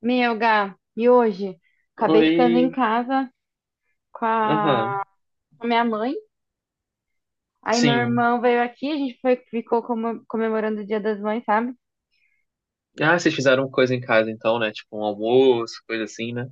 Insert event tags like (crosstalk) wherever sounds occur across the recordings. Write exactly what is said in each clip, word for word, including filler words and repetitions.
Meu, Gá, e hoje? Acabei ficando em Oi. casa com Aham. a, com a minha mãe. Aí meu Sim. irmão veio aqui, a gente foi, ficou como- comemorando o Dia das Mães, sabe? Ah, vocês fizeram coisa em casa então, né? Tipo um almoço, coisa assim, né?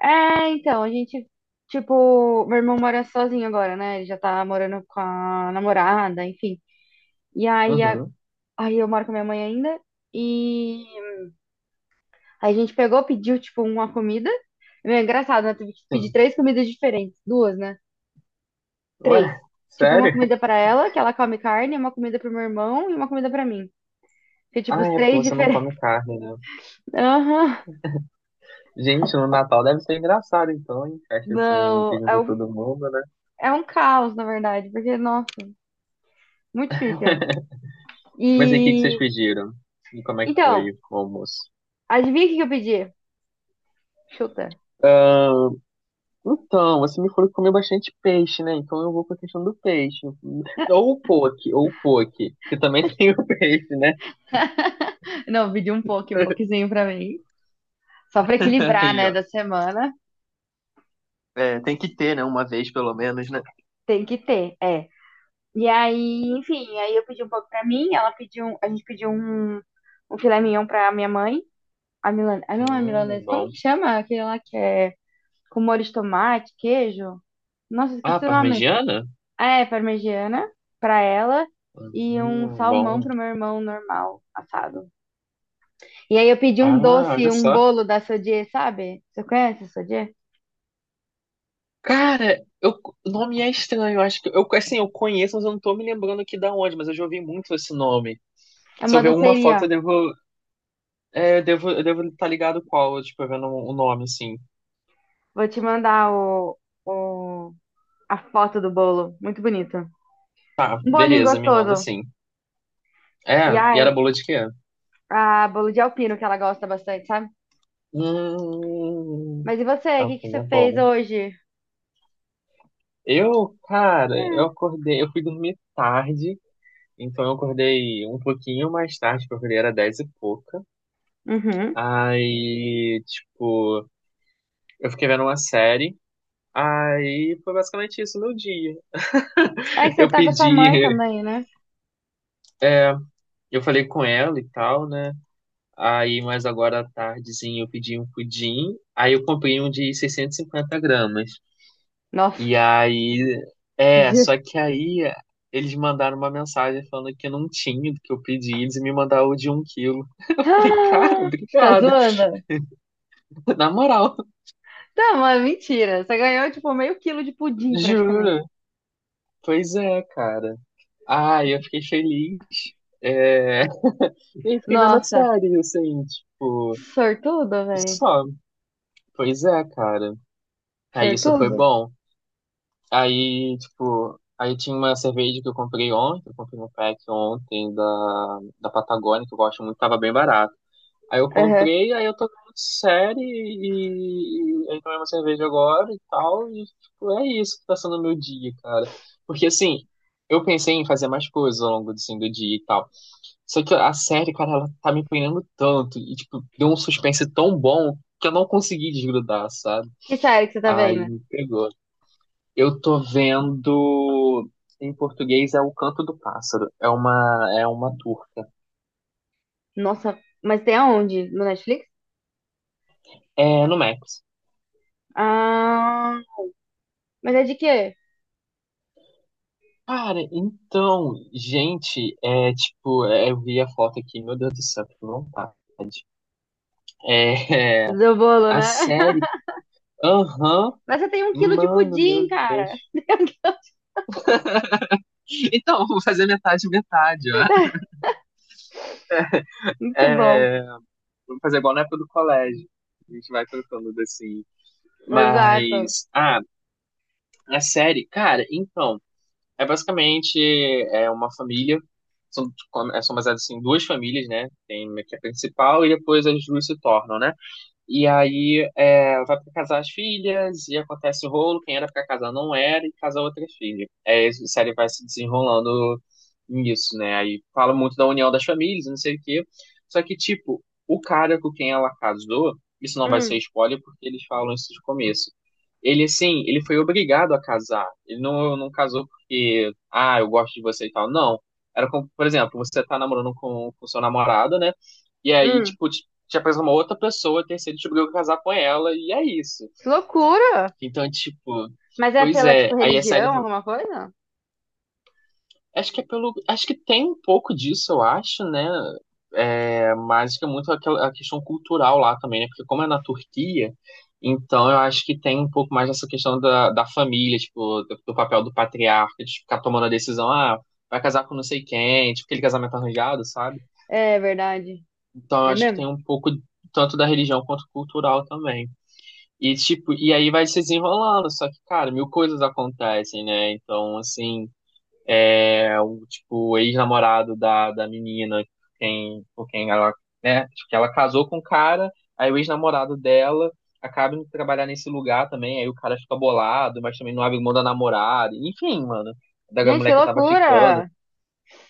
É, então, a gente, tipo, meu irmão mora sozinho agora, né? Ele já tá morando com a namorada, enfim. E aí, a- Uhum. aí eu moro com a minha mãe ainda. E aí a gente pegou, pediu, tipo, uma comida. É engraçado, né? Tive que pedir Sim. três comidas diferentes, duas, né? Três. Ué, Tipo, uma sério? comida (laughs) pra ela, que ela come carne, uma comida pro meu irmão e uma comida pra mim. Que, tipo, Ah, os é porque três você não come diferentes. carne, né? (laughs) Aham. Gente, no Natal deve ser engraçado então, hein? Festa assim, que Não, é junta um, todo mundo, né? é um caos, na verdade, porque, nossa, muito difícil. Mas aí, o que que vocês E, pediram? E como é que então, foi o almoço? adivinha o que que eu pedi? Chuta. Ah, então, você me falou que comeu bastante peixe, né? Então eu vou com a questão do peixe. (laughs) Ou o poke, ou o poke, que também (laughs) tem o peixe, né? Não, eu pedi um pouco, um pouquinho pra mim. Só pra (laughs) equilibrar, Aí, né, ó. da semana. É, tem que ter, né? Uma vez pelo menos, né? Tem que ter, é. E aí, enfim, aí eu pedi um pouco pra mim, ela pediu, um- a gente pediu um, um filé mignon pra minha mãe. A milan Ah, não é Hum, milanesa. Como que bom. chama aquele lá que é com molho de tomate, queijo? Nossa, Ah, esqueci o nome. parmegiana? Ah, é parmegiana pra ela e um Hum, salmão bom. pro meu irmão normal, assado. E aí eu pedi um Ah, doce, olha um só. bolo da Sodier, sabe? Você conhece a Sodier? Cara, eu, o nome é estranho. Eu Acho que eu, assim, eu conheço, mas eu não tô me lembrando aqui da onde, mas eu já ouvi muito esse nome. É Se eu uma ver alguma doceria. foto, eu devo, é, eu devo, eu devo estar ligado qual, tipo, vendo o nome, assim. Vou te mandar o, o, a foto do bolo. Muito bonito. Tá, Um bolinho beleza, me manda gostoso. sim. É, E e ai, era bolo de quê? a bolo de alpino que ela gosta bastante, sabe? Hum, Mas e você? O tá, que que não você é fez bom. hoje? Eu, cara, eu Ah. acordei, eu fui dormir tarde. Então eu acordei um pouquinho mais tarde, porque eu acordei era dez e pouca. Uhum. Aí, tipo, eu fiquei vendo uma série. Aí foi basicamente isso meu dia. É que você Eu tá com a sua mãe pedi, (laughs) também, né? é, eu falei com ela e tal, né? Aí, mas agora à tardezinha eu pedi um pudim. Aí eu comprei um de seiscentos e cinquenta gramas. Nossa. E (gasps) aí, (laughs) é, só Je- que aí eles mandaram uma mensagem falando que não tinha do que eu pedi, eles me mandaram o de um quilo. (laughs) Eu falei, cara, Ah, você tá obrigado. zoando? (laughs) Na moral. Tá, mas mentira. Você ganhou, tipo, meio quilo de pudim, praticamente. Juro, pois é, cara. Ai, eu fiquei feliz. É... (laughs) E fiquei vendo a Nossa. série, assim, tipo, Sortudo, velho. só. Pois é, cara. Aí isso foi Sortudo? bom. Aí, tipo, aí tinha uma cerveja que eu comprei ontem, eu comprei um pack ontem da, da, Patagônia, que eu gosto muito, tava bem barato. Aí eu Aham. comprei, aí eu tô vendo série e, e aí tomei uma cerveja agora e tal, e tipo, é isso que tá sendo o meu dia, cara. Porque assim, eu pensei em fazer mais coisas ao longo assim, do dia e tal. Só que a série, cara, ela tá me prendendo tanto e tipo, deu um suspense tão bom que eu não consegui desgrudar, sabe? Que série que você tá Aí vendo? me pegou. Eu tô vendo, em português é O Canto do Pássaro, é uma é uma turca. Nossa, mas tem aonde? No Netflix? É no Max. Ah, mas é de quê? Cara, então, gente, é tipo, é, eu vi a foto aqui, meu Deus do céu, que vontade. É, Do (laughs) bolo, a né? série, (laughs) aham, Mas você tem um quilo de mano, pudim, meu Deus. cara. (laughs) Então, vou fazer metade, metade, ó. Muito bom. É, vou fazer igual na época do colégio. A gente vai trocando assim. Exato. Mas, ah, a série, cara, então, é basicamente é uma família. São, é, são baseadas assim, em duas famílias, né? Tem a que é a principal e depois as duas se tornam, né? E aí é, vai pra casar as filhas e acontece o rolo, quem era pra casar não era, e casa outra filha. É, a série vai se desenrolando nisso, né? Aí fala muito da união das famílias, não sei o quê. Só que, tipo, o cara com quem ela casou, isso não vai ser Hum, spoiler porque eles falam isso de começo. Ele, assim, ele foi obrigado a casar. Ele não, não casou porque, ah, eu gosto de você e tal. Não. Era como, por exemplo, você tá namorando com, com, seu namorado, né? E aí, hum. tipo, tinha preso uma outra pessoa, a terceira descobriu que ia casar com ela, e é isso. Que loucura! Então, tipo, Mas é pois pela, tipo, é, aí a série. religião, alguma coisa? Acho que é pelo. Acho que tem um pouco disso, eu acho, né? É, mas que é muito aquela a questão cultural lá também, né? Porque como é na Turquia, então eu acho que tem um pouco mais dessa questão da, da, família, tipo, do, do papel do patriarca, de ficar tomando a decisão, ah, vai casar com não sei quem, tipo, aquele casamento arranjado, sabe? É verdade. Então eu É acho que tem mesmo? um pouco tanto da religião quanto cultural também. E tipo, e aí vai se desenrolando, só que, cara, mil coisas acontecem, né? Então, assim, é o tipo, o ex-namorado da, da menina, quem, com quem ela, né? Acho que ela casou com o cara, aí o ex-namorado dela acaba indo trabalhar nesse lugar também, aí o cara fica bolado, mas também não abre mão da namorada, enfim, mano, da Gente, mulher que que tava ficando. loucura!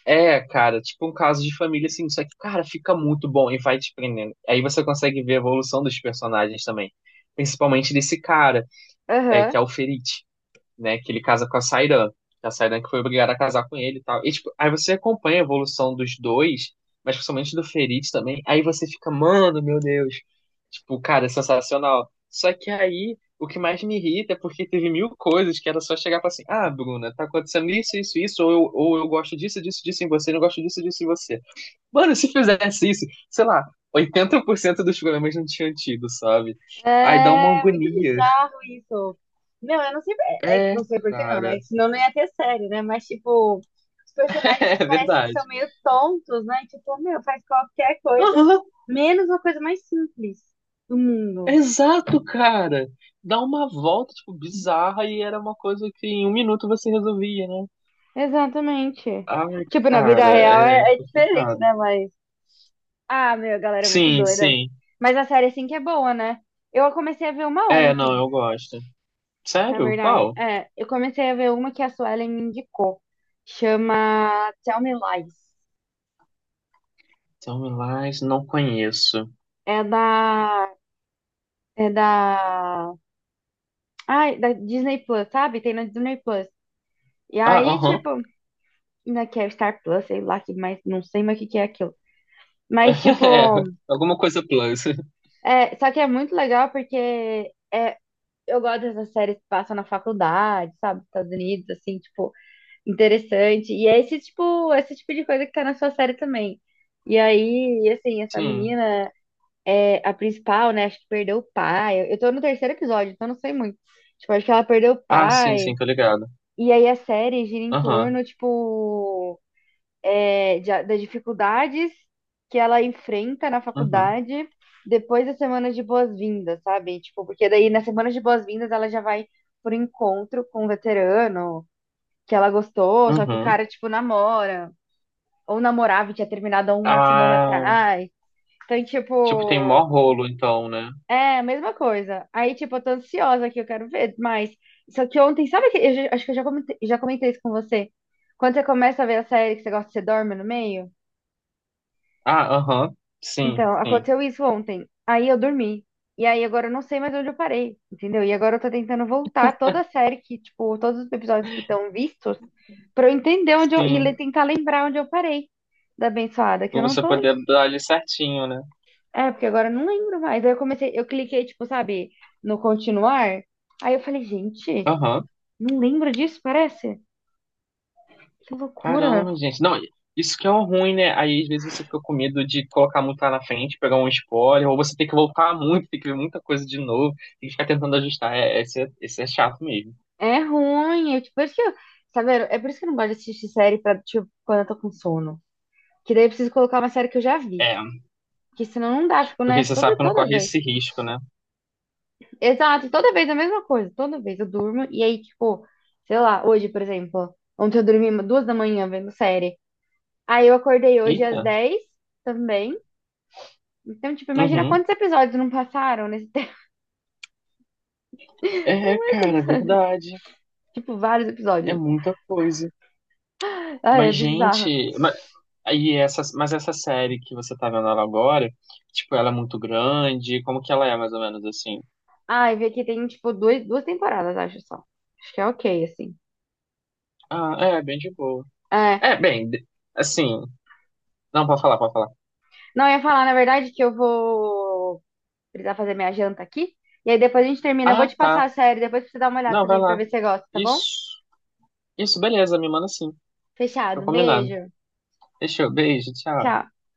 É, cara, tipo um caso de família, assim, só que, cara, fica muito bom e vai te prendendo. Aí você consegue ver a evolução dos personagens também. Principalmente desse cara, é, que Aham. é o Ferit, né? Que ele casa com a Sairan. A Sairan que foi obrigada a casar com ele e tal. E, tipo, aí você acompanha a evolução dos dois, mas principalmente do Ferit também. Aí você fica, mano, meu Deus. Tipo, cara, é sensacional. Só que aí, o que mais me irrita é porque teve mil coisas que era só chegar e falar assim: ah, Bruna, tá acontecendo isso, isso, isso, ou eu, ou eu gosto disso, disso, disso em você, não gosto disso, disso em você. Mano, se fizesse isso, sei lá, oitenta por cento dos problemas não tinham tido, sabe? Aí dá uma É muito agonia. bizarro isso. Meu, eu não sei, é, é, É, não sei por que não, cara. né? (laughs) Senão não ia ter série, né? Mas, tipo, os personagens eles É, parecem que são verdade. meio tontos, né? Tipo, meu, faz qualquer coisa, Aham, menos uma coisa mais simples do mundo. exato, cara. Dá uma volta, tipo, bizarra e era uma coisa que em um minuto você resolvia, né? Exatamente. Ai, Tipo, na vida cara, real é, é é diferente, complicado. né? Mas. Ah, meu, a galera é muito Sim, doida. sim. Mas a série, assim, que é boa, né? Eu comecei a ver uma É, não, ontem, eu gosto. na Sério? verdade. Qual? É, eu comecei a ver uma que a Suelen me indicou. Chama Tell Me Lies. Tell Me Lies, não conheço. É da... É da... Ai, da Disney Plus, sabe? Tem na Disney Plus. E Ah, aí, aham. tipo... Ainda que é Star Plus, sei lá, que mais... Não sei mais o que que é aquilo. Mas, (laughs) tipo... É, alguma coisa plus. É, só que é muito legal porque... É, eu gosto dessas séries que passam na faculdade, sabe? Estados Unidos, assim, tipo... Interessante. E é esse tipo, é esse tipo de coisa que tá na sua série também. E aí, assim, essa Sim. menina, é, a principal, né? Acho que perdeu o pai. Eu, eu tô no terceiro episódio, então não sei muito. Tipo, acho que ela perdeu o Ah, sim, pai. sim, tô ligado. E aí a série gira em Aham, torno, tipo, é, de- das dificuldades que ela enfrenta na uhum, faculdade depois da semana de boas-vindas, sabe? Tipo, porque daí na semana de boas-vindas ela já vai por encontro com um veterano que ela gostou, só que o uhum. cara, tipo, namora, ou namorava e tinha terminado há uma semana Ah, atrás. Então, tipo, tem mó tipo, rolo, então, né? é a mesma coisa. Aí, tipo, eu tô ansiosa que eu quero ver mais. Só que ontem, sabe que eu já- acho que eu já comentei, já comentei isso com você. Quando você começa a ver a série que você gosta, você dorme no meio? Ah, aham. Sim, Então, sim. aconteceu isso ontem. Aí eu dormi. E aí agora eu não sei mais onde eu parei, entendeu? E agora eu tô tentando voltar toda a série que, tipo, todos os episódios que estão vistos, pra eu entender onde eu, e le- Sim. tentar lembrar onde eu parei da abençoada, que Pra eu não você tô. poder dar ali certinho, né? É, porque agora eu não lembro mais. Aí eu comecei, eu cliquei, tipo, sabe, no continuar. Aí eu falei, gente, Aham. não lembro disso, parece? Que loucura. Caramba, gente. Não, isso que é um ruim, né? Aí às vezes você fica com medo de colocar muito lá na frente, pegar um spoiler, ou você tem que voltar muito, tem que ver muita coisa de novo, tem que ficar tentando ajustar. É, esse, é, esse é chato mesmo. É ruim. Eu, tipo, por isso que eu, sabe, é por isso que eu não gosto de assistir série pra, tipo, quando eu tô com sono. Que daí eu preciso colocar uma série que eu já vi. É, Porque senão não dá, eu fico porque nessa você sabe toda, que não toda corre vez. esse risco, né? Exato, toda vez a mesma coisa. Toda vez eu durmo. E aí, tipo, sei lá, hoje, por exemplo, ontem eu dormi duas da manhã vendo série. Aí eu acordei hoje às Eita. dez também. Então, tipo, imagina Uhum. quantos episódios não passaram nesse tempo. (laughs) É, cara, verdade. Tipo, vários É episódios. muita coisa. Ai, é Mas, bizarro. gente, mas, aí essa, mas essa série que você tá vendo ela agora, tipo, ela é muito grande. Como que ela é, mais ou menos assim? Ai, vê que tem, tipo, dois, duas temporadas, acho só. Acho que é ok, assim. Ah, é, bem de boa. É, É, bem, de- assim. Não, pode falar, pode falar. não, eu ia falar, na verdade, que eu vou precisar fazer minha janta aqui. E aí depois a gente termina. Eu vou Ah, te tá. passar a série, depois pra você dar uma olhada Não, vai também pra lá. ver se você gosta, tá bom? Isso. Isso, beleza, me manda sim. Fica Fechado. Um combinado. beijo. Fechou, beijo, tchau. Tchau.